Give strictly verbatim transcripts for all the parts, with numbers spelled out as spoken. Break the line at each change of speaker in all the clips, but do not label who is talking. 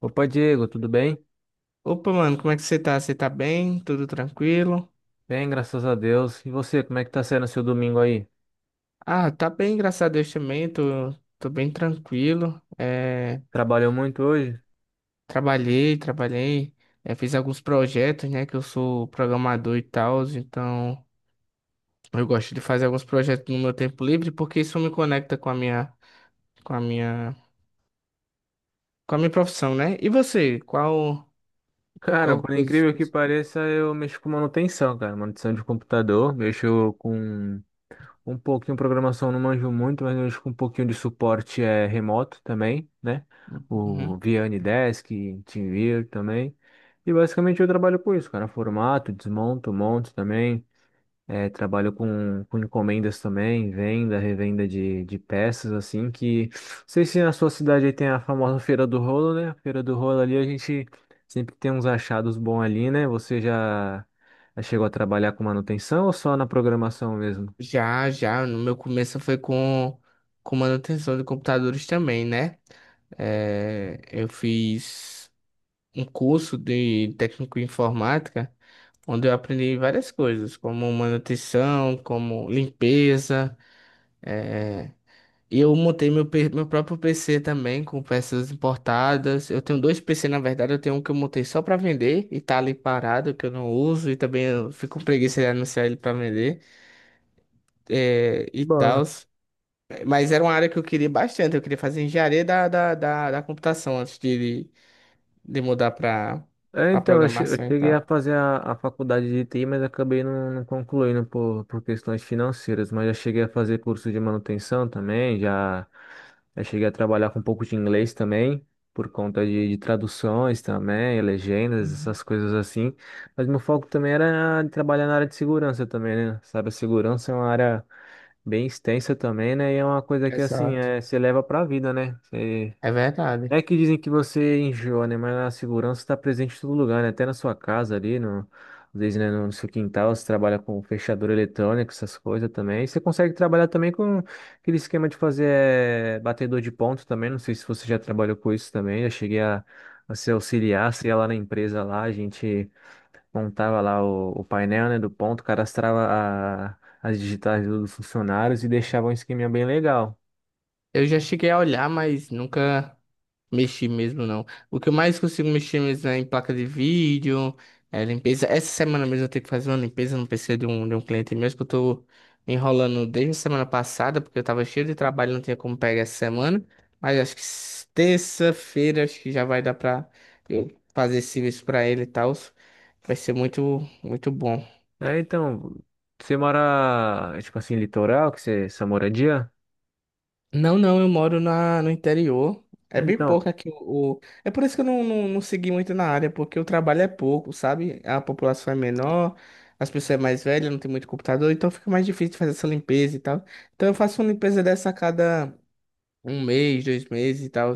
Opa, Diego, tudo bem?
Opa, mano, como é que você tá? Você tá bem? Tudo tranquilo?
Bem, graças a Deus. E você, como é que tá sendo seu domingo aí?
Ah, tá bem, graças a Deus também, tô, tô bem tranquilo. É,
Trabalhou muito hoje?
trabalhei, trabalhei, é, fiz alguns projetos, né, que eu sou programador e tal, então eu gosto de fazer alguns projetos no meu tempo livre, porque isso me conecta com a minha, com a minha, com a minha profissão, né? E você, qual,
Cara,
qual
por
coisa.
incrível que pareça, eu mexo com manutenção, cara. Manutenção de computador, mexo com um pouquinho programação, não manjo muito, mas mexo com um pouquinho de suporte é, remoto também, né? O
Uhum.
via Desk, TeamViewer também. E basicamente eu trabalho com isso, cara. Formato, desmonto, monto também. É, trabalho com, com encomendas também, venda, revenda de, de peças, assim, que... Não sei se na sua cidade aí tem a famosa Feira do Rolo, né? A Feira do Rolo ali, a gente sempre tem uns achados bons ali, né? Você já, já chegou a trabalhar com manutenção ou só na programação mesmo?
Já, já, no meu começo foi com, com manutenção de computadores também, né? É, eu fiz um curso de técnico em informática, onde eu aprendi várias coisas, como manutenção, como limpeza. É, E eu montei meu, pe- meu próprio P C também, com peças importadas. Eu tenho dois P C, na verdade, eu tenho um que eu montei só para vender e tá ali parado, que eu não uso, e também eu fico com preguiça de anunciar ele para vender, é, e tal. Mas era uma área que eu queria bastante, eu queria fazer engenharia da, da, da, da computação antes de de mudar para
É,
a
então, eu che- eu
programação e
cheguei a
tal.
fazer a, a faculdade de T I, mas acabei não, não concluindo por, por questões financeiras. Mas já cheguei a fazer curso de manutenção também, já, já cheguei a trabalhar com um pouco de inglês também, por conta de, de traduções também, legendas,
Uhum.
essas coisas assim. Mas meu foco também era trabalhar na área de segurança também, né? Sabe, a segurança é uma área bem extensa também, né? E é uma coisa que, assim,
Exato.
é, você leva pra vida, né?
É verdade.
É que dizem que você enjoa, né? Mas a segurança está presente em todo lugar, né? Até na sua casa ali, no, às vezes, né, no seu quintal, você trabalha com fechador eletrônico, essas coisas também. E você consegue trabalhar também com aquele esquema de fazer eh, batedor de ponto também. Não sei se você já trabalhou com isso também. Eu cheguei a, a ser auxiliar, você ia lá na empresa lá, a gente montava lá o, o painel, né, do ponto, cadastrava a- as digitais dos funcionários e deixava um esqueminha bem legal.
Eu já cheguei a olhar, mas nunca mexi mesmo, não. O que eu mais consigo mexer mesmo é em placa de vídeo, é limpeza. Essa semana mesmo eu tenho que fazer uma limpeza no P C de um, de um cliente mesmo, que eu tô enrolando desde a semana passada, porque eu tava cheio de trabalho, não tinha como pegar essa semana. Mas acho que s- terça-feira acho que já vai dar pra eu fazer esse serviço pra ele e tal. Vai ser muito, muito bom.
É, então, você mora, é, tipo assim, litoral, que você, essa moradia?
Não, não, eu moro na, no interior. É
É,
bem
então,
pouco aqui. o, o- É por isso que eu não, não, não segui muito na área, porque o trabalho é pouco, sabe? A população é menor, as pessoas é mais velhas, não tem muito computador, então fica mais difícil de fazer essa limpeza e tal. Então eu faço uma limpeza dessa a cada um mês, dois meses e tal.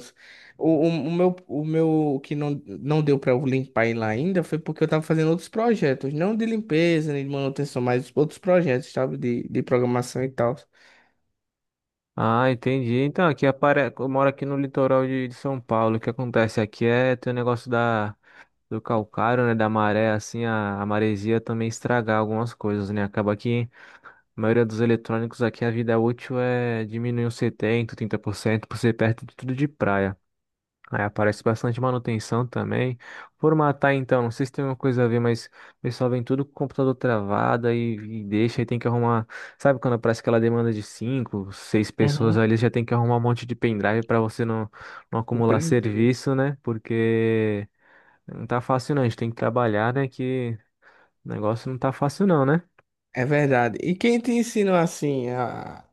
O, o, o meu, o meu o que não, não deu pra eu limpar ele ainda foi porque eu tava fazendo outros projetos, não de limpeza, nem de manutenção, mas outros projetos, sabe? De, de programação e tal.
ah, entendi. Então, aqui apare... eu moro aqui no litoral de, de São Paulo. O que acontece aqui é tem o negócio da do calcário, né, da maré, assim, a, a maresia também estragar algumas coisas, né? Acaba que a maioria dos eletrônicos aqui, a vida útil é diminuir uns setenta, trinta por cento por ser perto de tudo de praia. Aí aparece bastante manutenção também. Formatar então, não sei se tem uma coisa a ver, mas o pessoal vem tudo com o computador travado e, e deixa, aí tem que arrumar. Sabe quando aparece aquela demanda de cinco, seis pessoas
Uhum.
ali, já tem que arrumar um monte de pendrive para você não, não acumular
Compreendi.
serviço, né? Porque não tá fácil não, a gente tem que trabalhar, né? Que o negócio não tá fácil não, né?
É verdade. E quem te ensinou assim a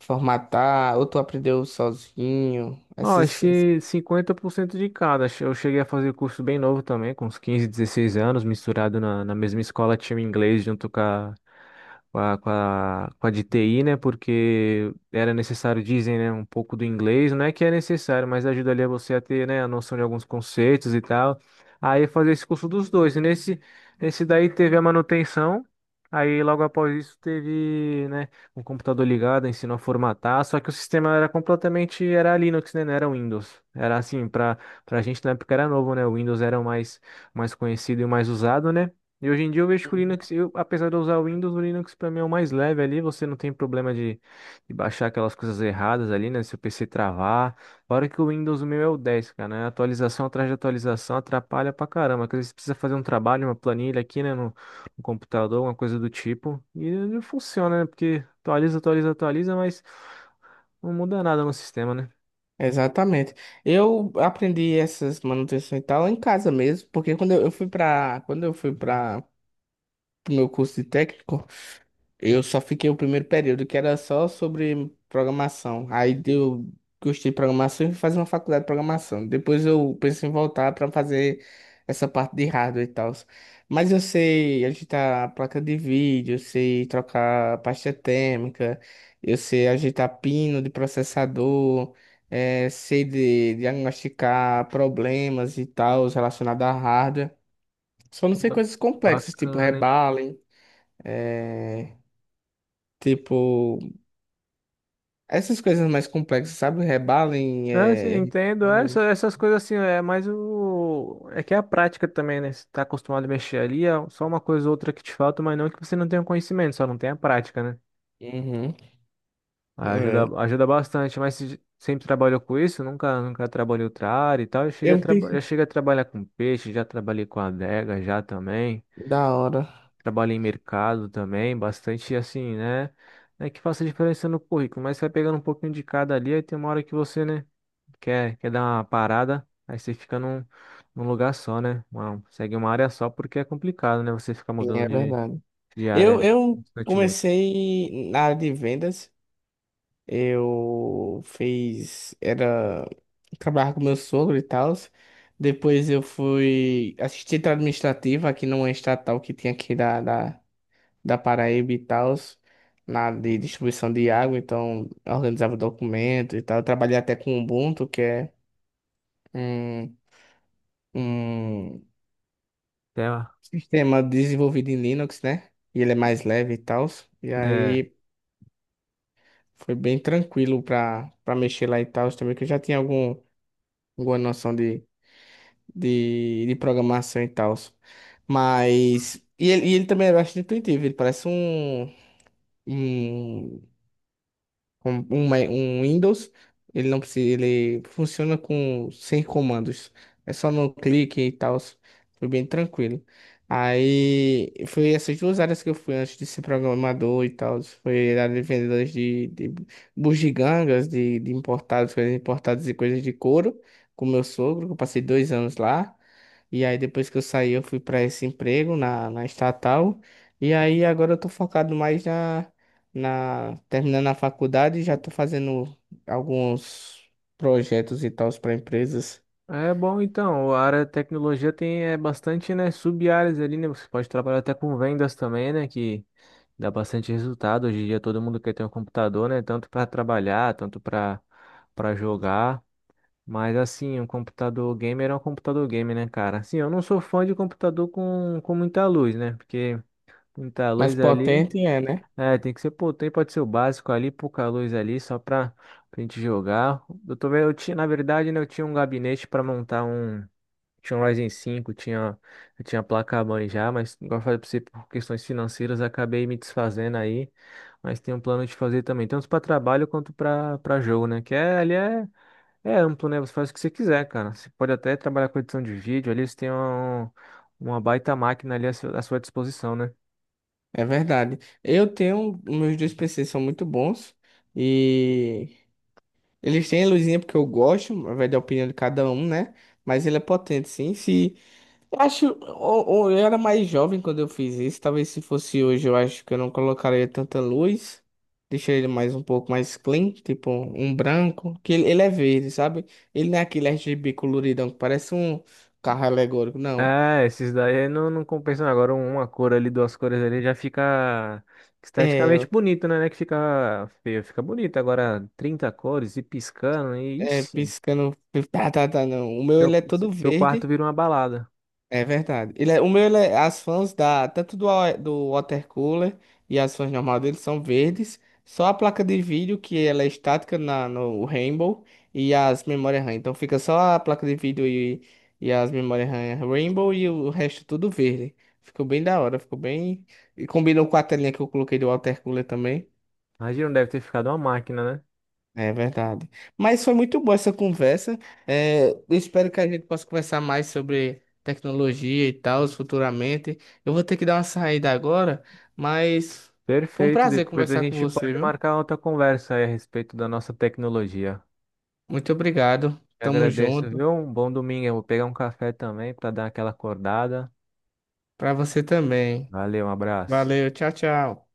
formatar, ou tu aprendeu sozinho?
Ó, acho
Essas... essas-
que cinquenta por cento de cada. Che- Eu cheguei a fazer curso bem novo também, com uns quinze, dezesseis anos, misturado na, na mesma escola, tinha o inglês junto com a, com a, com a, com a de T I, né? Porque era necessário, dizem, né, um pouco do inglês. Não é que é necessário, mas ajuda ali a você a ter, né, a noção de alguns conceitos e tal. Aí eu fazer esse curso dos dois. E nesse, nesse daí teve a manutenção. Aí logo após isso teve, né, um computador ligado, ensinou a formatar, só que o sistema era completamente, era Linux, né? Não era Windows. Era assim, para para a gente na época era novo, né? O Windows era o mais, mais conhecido e o mais usado, né? E hoje em dia eu vejo que o
Uhum.
Linux, eu, apesar de eu usar o Windows, o Linux para mim é o mais leve ali, você não tem problema de, de baixar aquelas coisas erradas ali, né? Se o P C travar. Fora que o Windows, o meu é o dez, cara, né? Atualização atrás de atualização atrapalha pra caramba. Que às vezes precisa fazer um trabalho, uma planilha aqui, né? Um computador, uma coisa do tipo. E não funciona, né? Porque atualiza, atualiza, atualiza, mas não muda nada no sistema, né?
Exatamente. Eu aprendi essas manutenções e tal em casa mesmo, porque quando eu eu fui para quando eu fui para o meu curso de técnico, eu só fiquei o primeiro período, que era só sobre programação. Aí deu, gostei de programação e fui fazer uma faculdade de programação. Depois eu pensei em voltar para fazer essa parte de hardware e tal. Mas eu sei agitar placa de vídeo, eu sei trocar a pasta térmica, eu sei agitar pino de processador, eh, sei de diagnosticar problemas e tal relacionados a hardware. Só não sei
Ba-
coisas complexas, tipo
Bacana, hein?
rebalem, eh, tipo. Essas coisas mais complexas, sabe? Rebalem,
É, sim,
é.
entendo. É, essa-
Rose.
essas coisas assim, é mais o. É que é a prática também, né? Você tá acostumado a mexer ali, é só uma coisa ou outra que te falta, mas não que você não tenha conhecimento, só não tem a prática, né?
Uhum.
Aí ajuda,
É.
ajuda bastante, mas se sempre trabalhou com isso, nunca, nunca trabalhei outra área e tal. Eu cheguei a
Eu
traba- já
pensei.
cheguei a trabalhar com peixe, já trabalhei com adega já também.
Da hora.
Trabalha em mercado também, bastante assim, né? Não é que faça diferença no currículo, mas você vai pegando um pouquinho de cada ali, aí tem uma hora que você, né, quer, quer dar uma parada, aí você fica num, num lugar só, né? Uma- segue uma área só porque é complicado, né? Você ficar
Sim,
mudando
é
de,
verdade.
de área
Eu,
ali
eu
constantemente.
comecei na área de vendas. Eu fiz. Era. Trabalhava com meu sogro e tal. Depois eu fui assistente administrativa aqui numa estatal que tinha aqui da, da, da Paraíba e tal. Na área de distribuição de água. Então, eu organizava documento e tal. Eu trabalhei até com Ubuntu, que é um, um
Até,
sistema desenvolvido em Linux, né? E ele é mais leve e tal. E
né?
aí foi bem tranquilo para para mexer lá e tal também, que eu já tinha algum, alguma noção de, de, de programação e tal. Mas. E ele, e ele também é bastante intuitivo, ele parece um, um com um, Ma- um Windows, ele não precisa, ele funciona com sem comandos. É só no clique e tal. Foi bem tranquilo. Aí foi essas duas áreas que eu fui antes de ser programador e tal. Foi a área de vendedores de, de bugigangas, de, de importados, coisas importadas e coisas de couro, com meu sogro, que eu passei dois anos lá. E aí depois que eu saí, eu fui para esse emprego na, na estatal. E aí agora eu tô focado mais na na terminando a faculdade, já tô fazendo alguns projetos e tals para empresas.
É bom, então, a área de tecnologia tem é, bastante, né, sub-áreas ali, né, você pode trabalhar até com vendas também, né, que dá bastante resultado, hoje em dia todo mundo quer ter um computador, né, tanto para trabalhar, tanto para para jogar, mas assim, um computador gamer é um computador gamer, né, cara, assim, eu não sou fã de computador com, com muita luz, né, porque muita
Mais
luz ali,
potente é, né?
é, tem que ser, pô, tem, pode ser o básico ali, pouca luz ali, só pra, pra gente jogar, eu tô vendo, eu tinha, na verdade, né, eu tinha um gabinete para montar um tinha um Ryzen cinco tinha, eu tinha placa-mãe já, mas igual eu falei pra você, por questões financeiras, acabei me desfazendo aí. Mas tenho um plano de fazer também, tanto para trabalho quanto para para jogo, né? Que é, ali é, é amplo, né? Você faz o que você quiser, cara. Você pode até trabalhar com edição de vídeo, ali você tem um- uma baita máquina ali à sua à sua disposição, né?
É verdade. Eu tenho, meus dois P Cs são muito bons e eles têm a luzinha porque eu gosto, vai da opinião de cada um, né? Mas ele é potente, sim. Se Eu Acho, ou, ou eu era mais jovem quando eu fiz isso. Talvez se fosse hoje, eu acho que eu não colocaria tanta luz. Deixaria ele mais um pouco mais clean, tipo um branco, que ele, ele é verde, sabe? Ele não é aquele R G B coloridão que parece um carro alegórico, não.
É, esses daí não, não compensam. Agora uma cor ali, duas cores ali já fica
É,
esteticamente bonito, né? Não é que fica feio, fica bonito. Agora trinta cores e piscando, e
é
ixi,
piscando, tá, tá, tá, não. O meu
seu,
ele é todo
seu quarto
verde.
vira uma balada.
É verdade. Ele é, o meu, ele é- as fãs da, tanto do, wa- do water cooler e as fãs normais dele são verdes. Só a placa de vídeo, que ela é estática na, no Rainbow, e as memórias RAM. Então fica só a placa de vídeo e, e as memórias RAM Rainbow e o resto tudo verde. Ficou bem da hora, ficou bem. E combinou com a telinha que eu coloquei do water cooler também.
Imagina, deve ter ficado uma máquina, né?
É verdade. Mas foi muito boa essa conversa. É, eu espero que a gente possa conversar mais sobre tecnologia e tal futuramente. Eu vou ter que dar uma saída agora, mas foi um
Perfeito,
prazer
depois a
conversar com
gente
você,
pode
viu?
marcar outra conversa aí a respeito da nossa tecnologia.
Muito obrigado.
Te
Tamo
agradeço,
junto.
viu? Um bom domingo. Eu vou pegar um café também para dar aquela acordada.
Pra você também.
Valeu, um abraço.
Valeu, tchau, tchau.